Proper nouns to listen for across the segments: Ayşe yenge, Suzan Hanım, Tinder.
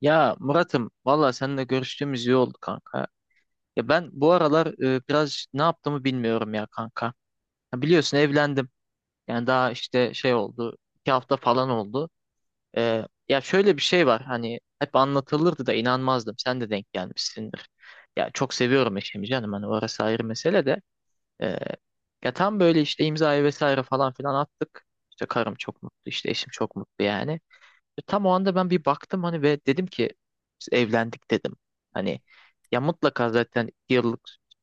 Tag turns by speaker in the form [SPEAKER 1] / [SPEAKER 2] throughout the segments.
[SPEAKER 1] Ya Murat'ım valla seninle görüştüğümüz iyi oldu kanka. Ya ben bu aralar biraz ne yaptığımı bilmiyorum ya kanka. Ya biliyorsun evlendim. Yani daha işte şey oldu. 2 hafta falan oldu. Ya şöyle bir şey var hani hep anlatılırdı da inanmazdım. Sen de denk gelmişsindir. Ya çok seviyorum eşimi canım hani orası ayrı mesele de. E, ya tam böyle işte imzayı vesaire falan filan attık. İşte karım çok mutlu işte eşim çok mutlu yani. Tam o anda ben bir baktım hani ve dedim ki biz evlendik dedim. Hani ya mutlaka zaten 2 yıllık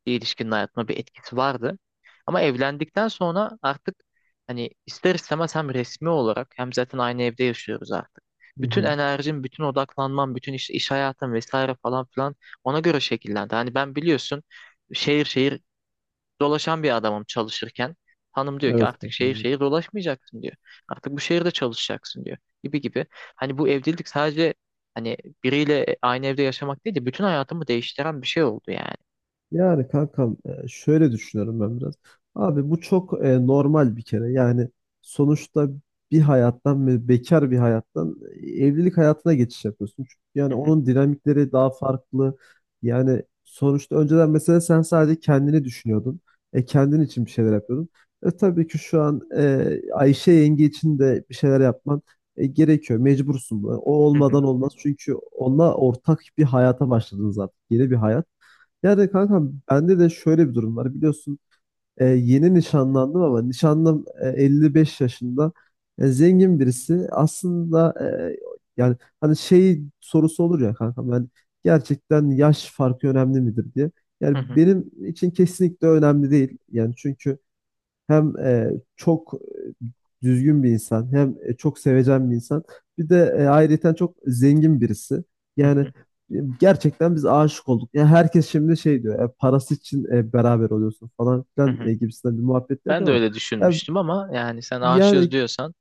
[SPEAKER 1] ilişkinin hayatıma bir etkisi vardı. Ama evlendikten sonra artık hani ister istemez hem resmi olarak hem zaten aynı evde yaşıyoruz artık.
[SPEAKER 2] Hı
[SPEAKER 1] Bütün
[SPEAKER 2] hı.
[SPEAKER 1] enerjim, bütün odaklanmam, bütün iş hayatım vesaire falan filan ona göre şekillendi. Hani ben biliyorsun şehir şehir dolaşan bir adamım çalışırken. Hanım diyor ki
[SPEAKER 2] Evet
[SPEAKER 1] artık şehir
[SPEAKER 2] kankam.
[SPEAKER 1] şehir dolaşmayacaksın diyor. Artık bu şehirde çalışacaksın diyor gibi gibi. Hani bu evlilik sadece hani biriyle aynı evde yaşamak değil de bütün hayatımı değiştiren bir şey oldu yani.
[SPEAKER 2] Yani kankam şöyle düşünüyorum ben biraz. Abi bu çok normal bir kere. Yani sonuçta bir hayattan ve bekar bir hayattan evlilik hayatına geçiş yapıyorsun. Çünkü
[SPEAKER 1] Hı
[SPEAKER 2] yani
[SPEAKER 1] hı,
[SPEAKER 2] onun dinamikleri daha farklı. Yani sonuçta önceden mesela sen sadece kendini düşünüyordun. Kendin için bir şeyler yapıyordun. Tabii ki şu an Ayşe yenge için de bir şeyler yapman gerekiyor. Mecbursun. O
[SPEAKER 1] hı hı,
[SPEAKER 2] olmadan olmaz. Çünkü onunla ortak bir hayata başladınız artık. Yeni bir hayat. Yani kanka bende de şöyle bir durum var. Biliyorsun yeni nişanlandım ama nişanlım 55 yaşında. Zengin birisi. Aslında yani hani şey sorusu olur ya kanka ben gerçekten yaş farkı önemli midir diye. Yani
[SPEAKER 1] hı hı,
[SPEAKER 2] benim için kesinlikle önemli değil. Yani çünkü hem çok düzgün bir insan, hem çok sevecen bir insan. Bir de ayrıyeten çok zengin birisi.
[SPEAKER 1] hı
[SPEAKER 2] Yani
[SPEAKER 1] hı,
[SPEAKER 2] e, gerçekten biz aşık olduk. Yani herkes şimdi şey diyor, parası için beraber oluyorsun falan
[SPEAKER 1] hı
[SPEAKER 2] filan
[SPEAKER 1] hı.
[SPEAKER 2] gibisinden bir muhabbet
[SPEAKER 1] Ben
[SPEAKER 2] yapıyor
[SPEAKER 1] de
[SPEAKER 2] ama
[SPEAKER 1] öyle
[SPEAKER 2] ya,
[SPEAKER 1] düşünmüştüm ama yani sen aşığız
[SPEAKER 2] yani
[SPEAKER 1] diyorsan.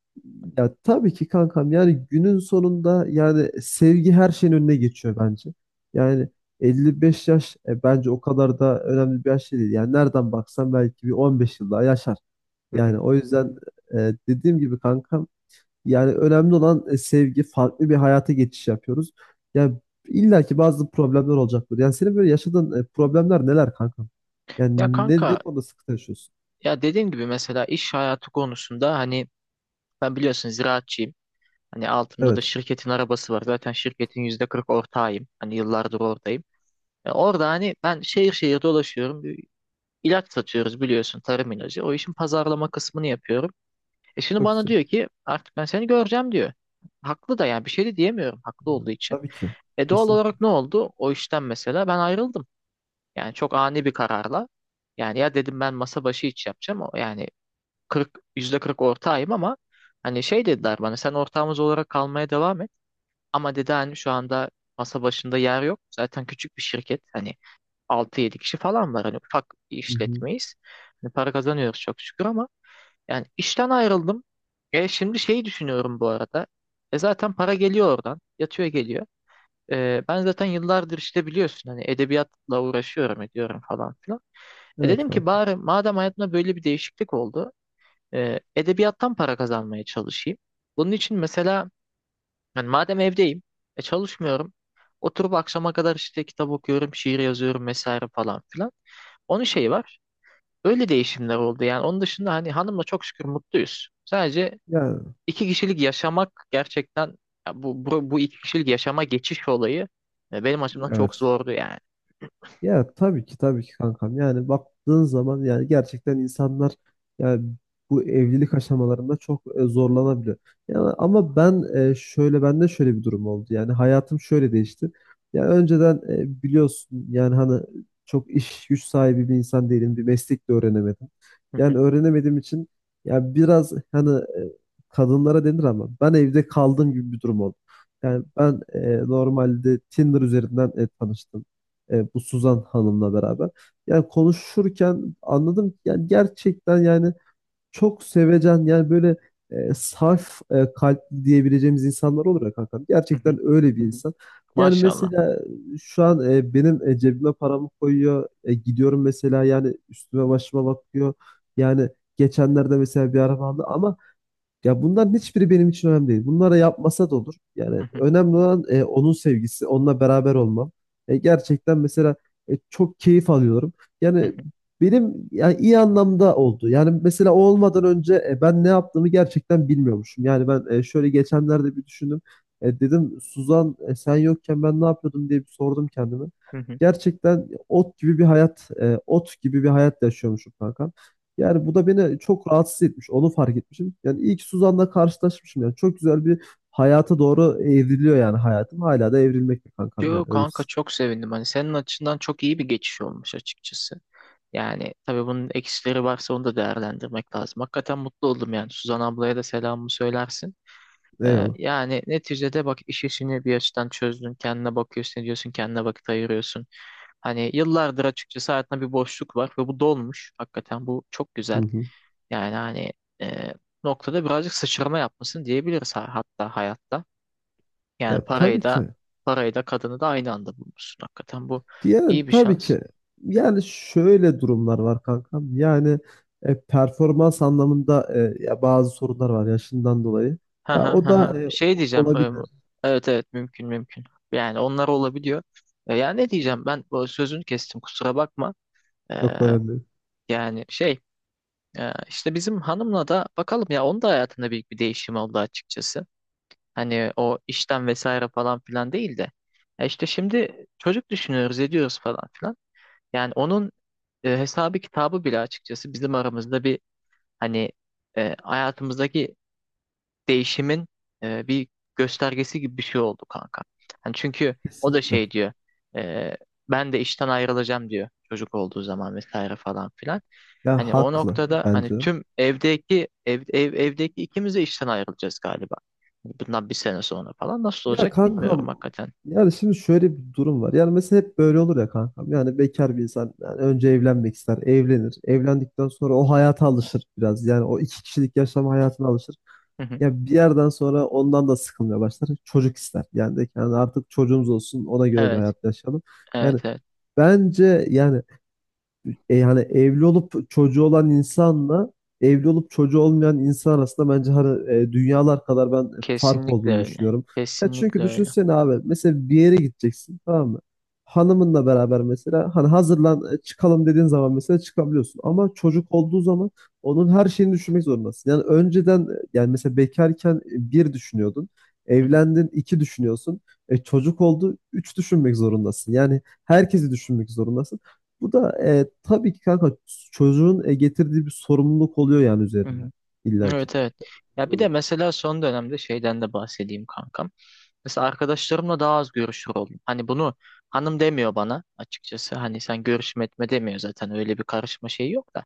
[SPEAKER 2] ya tabii ki kankam yani günün sonunda yani sevgi her şeyin önüne geçiyor bence. Yani 55 yaş bence o kadar da önemli bir yaş değil. Yani nereden baksan belki bir 15 yıl daha yaşar.
[SPEAKER 1] Hı
[SPEAKER 2] Yani
[SPEAKER 1] hı.
[SPEAKER 2] o yüzden dediğim gibi kankam yani önemli olan sevgi farklı bir hayata geçiş yapıyoruz. Yani illa ki bazı problemler olacaktır. Yani senin böyle yaşadığın problemler neler kankam?
[SPEAKER 1] Ya
[SPEAKER 2] Yani ne
[SPEAKER 1] kanka,
[SPEAKER 2] konuda sıkıntı yaşıyorsun?
[SPEAKER 1] ya dediğim gibi mesela iş hayatı konusunda hani ben biliyorsun ziraatçıyım. Hani altımda da
[SPEAKER 2] Evet.
[SPEAKER 1] şirketin arabası var. Zaten şirketin %40 ortağıyım. Hani yıllardır oradayım. Ya orada hani ben şehir şehir dolaşıyorum. Bir ilaç satıyoruz biliyorsun, tarım ilacı. O işin pazarlama kısmını yapıyorum. Şimdi
[SPEAKER 2] Çok
[SPEAKER 1] bana
[SPEAKER 2] güzel.
[SPEAKER 1] diyor ki artık ben seni göreceğim diyor. Haklı da yani bir şey de diyemiyorum haklı olduğu için.
[SPEAKER 2] Tabii ki.
[SPEAKER 1] Doğal
[SPEAKER 2] Kesin.
[SPEAKER 1] olarak ne oldu? O işten mesela ben ayrıldım. Yani çok ani bir kararla. Yani ya dedim ben masa başı iş yapacağım. O yani %40 ortağıyım ama hani şey dediler bana sen ortağımız olarak kalmaya devam et. Ama dedi hani şu anda masa başında yer yok. Zaten küçük bir şirket. Hani altı yedi kişi falan var. Hani ufak bir
[SPEAKER 2] Hı hı.
[SPEAKER 1] işletmeyiz. Hani para kazanıyoruz çok şükür ama yani işten ayrıldım. Şimdi şeyi düşünüyorum bu arada. Zaten para geliyor oradan. Yatıyor geliyor. Ben zaten yıllardır işte biliyorsun hani edebiyatla uğraşıyorum ediyorum falan filan. E
[SPEAKER 2] Evet
[SPEAKER 1] dedim ki
[SPEAKER 2] kankam.
[SPEAKER 1] bari madem hayatımda böyle bir değişiklik oldu, edebiyattan para kazanmaya çalışayım. Bunun için mesela yani madem evdeyim, çalışmıyorum. Oturup akşama kadar işte kitap okuyorum, şiir yazıyorum vesaire falan filan. Onun şeyi var. Öyle değişimler oldu yani. Onun dışında hani hanımla çok şükür mutluyuz. Sadece
[SPEAKER 2] Ya
[SPEAKER 1] iki kişilik yaşamak gerçekten, ya bu iki kişilik yaşama geçiş olayı benim açımdan çok
[SPEAKER 2] evet.
[SPEAKER 1] zordu yani.
[SPEAKER 2] Ya tabii ki tabii ki kankam. Yani baktığın zaman yani gerçekten insanlar yani bu evlilik aşamalarında çok zorlanabiliyor. Yani ama ben şöyle bende şöyle bir durum oldu. Yani hayatım şöyle değişti. Ya önceden biliyorsun yani hani çok iş güç sahibi bir insan değilim. Bir meslek de öğrenemedim.
[SPEAKER 1] Hı
[SPEAKER 2] Yani
[SPEAKER 1] hı,
[SPEAKER 2] öğrenemediğim için ya biraz hani kadınlara denir ama ben evde kaldığım gibi bir durum oldu. Yani ben normalde Tinder üzerinden tanıştım bu Suzan Hanım'la beraber. Yani konuşurken anladım ki yani gerçekten yani çok sevecen yani böyle saf kalpli diyebileceğimiz insanlar olur ya kankam.
[SPEAKER 1] hı hı.
[SPEAKER 2] Gerçekten öyle bir insan. Yani
[SPEAKER 1] Maşallah.
[SPEAKER 2] mesela şu an benim cebime paramı koyuyor. Gidiyorum mesela yani üstüme başıma bakıyor. Yani geçenlerde mesela bir araba aldı ama ya bunların hiçbiri benim için önemli değil. Bunlara yapmasa da olur.
[SPEAKER 1] Hı
[SPEAKER 2] Yani
[SPEAKER 1] hı,
[SPEAKER 2] önemli olan onun sevgisi, onunla beraber olmam. Gerçekten mesela çok keyif alıyorum.
[SPEAKER 1] hı
[SPEAKER 2] Yani
[SPEAKER 1] hı,
[SPEAKER 2] benim yani iyi anlamda oldu. Yani mesela o olmadan önce ben ne yaptığımı gerçekten bilmiyormuşum. Yani ben şöyle geçenlerde bir düşündüm. Dedim Suzan sen yokken ben ne yapıyordum diye bir sordum kendime.
[SPEAKER 1] hı hı.
[SPEAKER 2] Gerçekten ot gibi bir hayat yaşıyormuşum kanka. Yani bu da beni çok rahatsız etmiş. Onu fark etmişim. Yani ilk Suzan'la karşılaşmışım. Yani çok güzel bir hayata doğru evriliyor yani hayatım. Hala da evrilmekte kankam
[SPEAKER 1] Yo
[SPEAKER 2] yani. Öyle.
[SPEAKER 1] kanka, çok sevindim. Hani senin açından çok iyi bir geçiş olmuş açıkçası. Yani tabii bunun eksileri varsa onu da değerlendirmek lazım. Hakikaten mutlu oldum yani. Suzan ablaya da selamımı söylersin.
[SPEAKER 2] Eyvallah.
[SPEAKER 1] Yani neticede bak iş işini bir açıdan çözdün. Kendine bakıyorsun, ediyorsun, kendine vakit ayırıyorsun. Hani yıllardır açıkçası hayatında bir boşluk var ve bu dolmuş. Hakikaten bu çok
[SPEAKER 2] Hı
[SPEAKER 1] güzel.
[SPEAKER 2] hı.
[SPEAKER 1] Yani hani e, noktada birazcık sıçrama yapmışsın diyebiliriz, hatta hayatta. Yani
[SPEAKER 2] Ya
[SPEAKER 1] parayı
[SPEAKER 2] tabii
[SPEAKER 1] da
[SPEAKER 2] ki.
[SPEAKER 1] parayı da kadını da aynı anda bulmuşsun. Hakikaten bu
[SPEAKER 2] Yani
[SPEAKER 1] iyi bir
[SPEAKER 2] tabii
[SPEAKER 1] şans.
[SPEAKER 2] ki. Yani şöyle durumlar var kankam. Yani performans anlamında ya bazı sorunlar var yaşından dolayı.
[SPEAKER 1] Ha
[SPEAKER 2] Ya
[SPEAKER 1] ha
[SPEAKER 2] o
[SPEAKER 1] ha, ha.
[SPEAKER 2] da
[SPEAKER 1] Şey diyeceğim.
[SPEAKER 2] olabilir.
[SPEAKER 1] Evet evet mümkün mümkün. Yani onlar olabiliyor. Yani ne diyeceğim, ben bu sözünü kestim, kusura bakma. E,
[SPEAKER 2] Yok, önemli değil.
[SPEAKER 1] yani şey, işte bizim hanımla da bakalım, ya onun da hayatında büyük bir değişim oldu açıkçası. Hani o işten vesaire falan filan değil de. İşte şimdi çocuk düşünüyoruz ediyoruz falan filan. Yani onun hesabı kitabı bile açıkçası bizim aramızda bir, hani hayatımızdaki değişimin bir göstergesi gibi bir şey oldu kanka. Hani çünkü o da
[SPEAKER 2] Kesinlikle.
[SPEAKER 1] şey diyor. e, ben de işten ayrılacağım diyor çocuk olduğu zaman vesaire falan filan.
[SPEAKER 2] Ya
[SPEAKER 1] Hani o
[SPEAKER 2] haklı
[SPEAKER 1] noktada hani
[SPEAKER 2] bence.
[SPEAKER 1] tüm evdeki ev, ev evdeki ikimiz de işten ayrılacağız galiba. Hani bundan bir sene sonra falan nasıl
[SPEAKER 2] Ya
[SPEAKER 1] olacak bilmiyorum
[SPEAKER 2] kankam
[SPEAKER 1] hakikaten.
[SPEAKER 2] yani şimdi şöyle bir durum var. Yani mesela hep böyle olur ya kankam. Yani bekar bir insan yani önce evlenmek ister, evlenir. Evlendikten sonra o hayata alışır biraz. Yani o iki kişilik yaşam hayatına alışır.
[SPEAKER 1] Hı hı.
[SPEAKER 2] Ya bir yerden sonra ondan da sıkılmaya başlar. Çocuk ister. Yani de ki, yani artık çocuğumuz olsun ona göre bir
[SPEAKER 1] Evet,
[SPEAKER 2] hayat yaşayalım. Yani
[SPEAKER 1] evet, evet.
[SPEAKER 2] bence yani yani evli olup çocuğu olan insanla evli olup çocuğu olmayan insan arasında bence hani, dünyalar kadar ben fark
[SPEAKER 1] Kesinlikle
[SPEAKER 2] olduğunu
[SPEAKER 1] öyle.
[SPEAKER 2] düşünüyorum. Ya çünkü
[SPEAKER 1] Kesinlikle öyle.
[SPEAKER 2] düşünsene abi mesela bir yere gideceksin tamam mı? Hanımınla beraber mesela hani hazırlan çıkalım dediğin zaman mesela çıkabiliyorsun. Ama çocuk olduğu zaman onun her şeyini düşünmek zorundasın. Yani önceden yani mesela bekarken bir düşünüyordun.
[SPEAKER 1] Hı hı.
[SPEAKER 2] Evlendin iki düşünüyorsun. Çocuk oldu üç düşünmek zorundasın. Yani herkesi düşünmek zorundasın. Bu da tabii ki kanka çocuğun getirdiği bir sorumluluk oluyor yani
[SPEAKER 1] Hı
[SPEAKER 2] üzerinde.
[SPEAKER 1] hı.
[SPEAKER 2] İlla ki.
[SPEAKER 1] Evet evet. Ya bir de
[SPEAKER 2] Oluyor.
[SPEAKER 1] mesela son dönemde şeyden de bahsedeyim kankam. Mesela arkadaşlarımla daha az görüşür oldum. Hani bunu hanım demiyor bana açıkçası. Hani sen görüşme etme demiyor zaten. Öyle bir karışma şeyi yok da.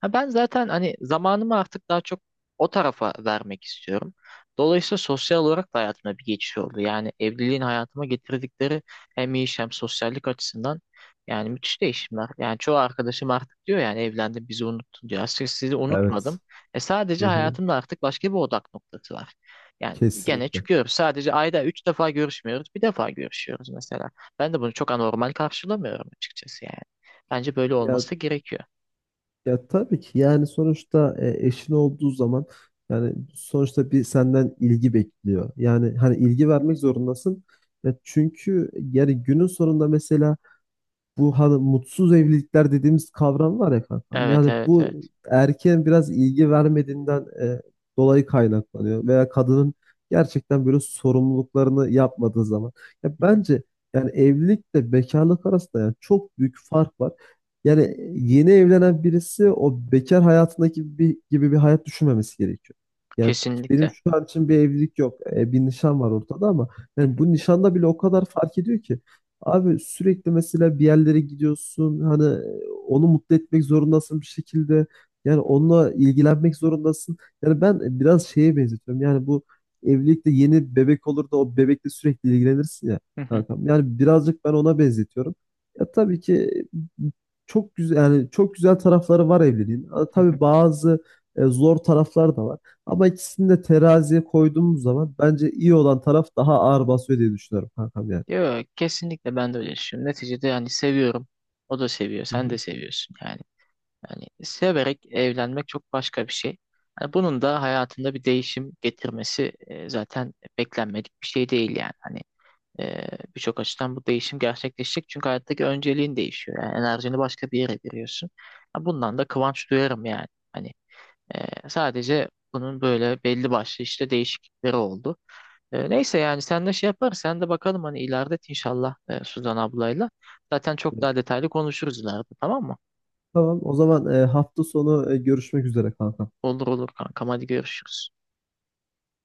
[SPEAKER 1] Ha ben zaten hani zamanımı artık daha çok o tarafa vermek istiyorum. Dolayısıyla sosyal olarak da hayatımda bir geçiş oldu. Yani evliliğin hayatıma getirdikleri hem iş hem sosyallik açısından yani müthiş değişimler. Yani çoğu arkadaşım artık diyor, yani evlendim bizi unuttun diyor. Aslında sizi unutmadım.
[SPEAKER 2] Evet.
[SPEAKER 1] E
[SPEAKER 2] Hı
[SPEAKER 1] sadece
[SPEAKER 2] hı,
[SPEAKER 1] hayatında artık başka bir odak noktası var. Yani gene
[SPEAKER 2] kesinlikle.
[SPEAKER 1] çıkıyoruz. Sadece ayda üç defa görüşmüyoruz. Bir defa görüşüyoruz mesela. Ben de bunu çok anormal karşılamıyorum açıkçası yani. Bence böyle
[SPEAKER 2] Ya
[SPEAKER 1] olması gerekiyor.
[SPEAKER 2] ya tabii ki yani sonuçta eşin olduğu zaman yani sonuçta bir senden ilgi bekliyor. Yani hani ilgi vermek zorundasın. Ya çünkü yani günün sonunda mesela bu hani mutsuz evlilikler dediğimiz kavram var ya kankam.
[SPEAKER 1] Evet
[SPEAKER 2] Yani
[SPEAKER 1] evet
[SPEAKER 2] bu
[SPEAKER 1] evet.
[SPEAKER 2] erkeğin biraz ilgi vermediğinden dolayı kaynaklanıyor veya kadının gerçekten böyle sorumluluklarını yapmadığı zaman. Ya bence yani evlilikle bekarlık arasında yani çok büyük fark var. Yani yeni evlenen birisi o bekar hayatındaki gibi bir hayat düşünmemesi gerekiyor. Yani benim
[SPEAKER 1] Kesinlikle.
[SPEAKER 2] şu an için bir evlilik yok. Bir nişan var ortada ama
[SPEAKER 1] Hı
[SPEAKER 2] yani
[SPEAKER 1] hı,
[SPEAKER 2] bu nişanda bile o kadar fark ediyor ki. Abi sürekli mesela bir yerlere gidiyorsun hani onu mutlu etmek zorundasın bir şekilde yani onunla ilgilenmek zorundasın. Yani ben biraz şeye benzetiyorum yani bu evlilikte yeni bebek olur da o bebekle sürekli ilgilenirsin ya
[SPEAKER 1] hı hı,
[SPEAKER 2] kankam. Yani birazcık ben ona benzetiyorum. Ya tabii ki e, çok güzel yani çok güzel tarafları var evliliğin. Ha,
[SPEAKER 1] hı hı.
[SPEAKER 2] tabii bazı zor taraflar da var. Ama ikisini de teraziye koyduğumuz zaman bence iyi olan taraf daha ağır basıyor diye düşünüyorum kankam yani.
[SPEAKER 1] Yok kesinlikle, ben de öyle düşünüyorum. Neticede yani seviyorum. O da seviyor.
[SPEAKER 2] Hı
[SPEAKER 1] Sen de
[SPEAKER 2] hı.
[SPEAKER 1] seviyorsun yani. Yani severek evlenmek çok başka bir şey. Yani bunun da hayatında bir değişim getirmesi zaten beklenmedik bir şey değil yani. Hani Ee, birçok açıdan bu değişim gerçekleşecek. Çünkü hayattaki önceliğin değişiyor. Yani enerjini başka bir yere veriyorsun. Ya bundan da kıvanç duyarım yani. Hani sadece bunun böyle belli başlı işte değişiklikleri oldu. Neyse yani sen de şey yaparız. Sen de bakalım hani ileride inşallah Suzan ablayla. Zaten çok daha detaylı konuşuruz ileride, tamam mı?
[SPEAKER 2] Tamam o zaman hafta sonu görüşmek üzere kanka.
[SPEAKER 1] Olur olur kankam, hadi görüşürüz.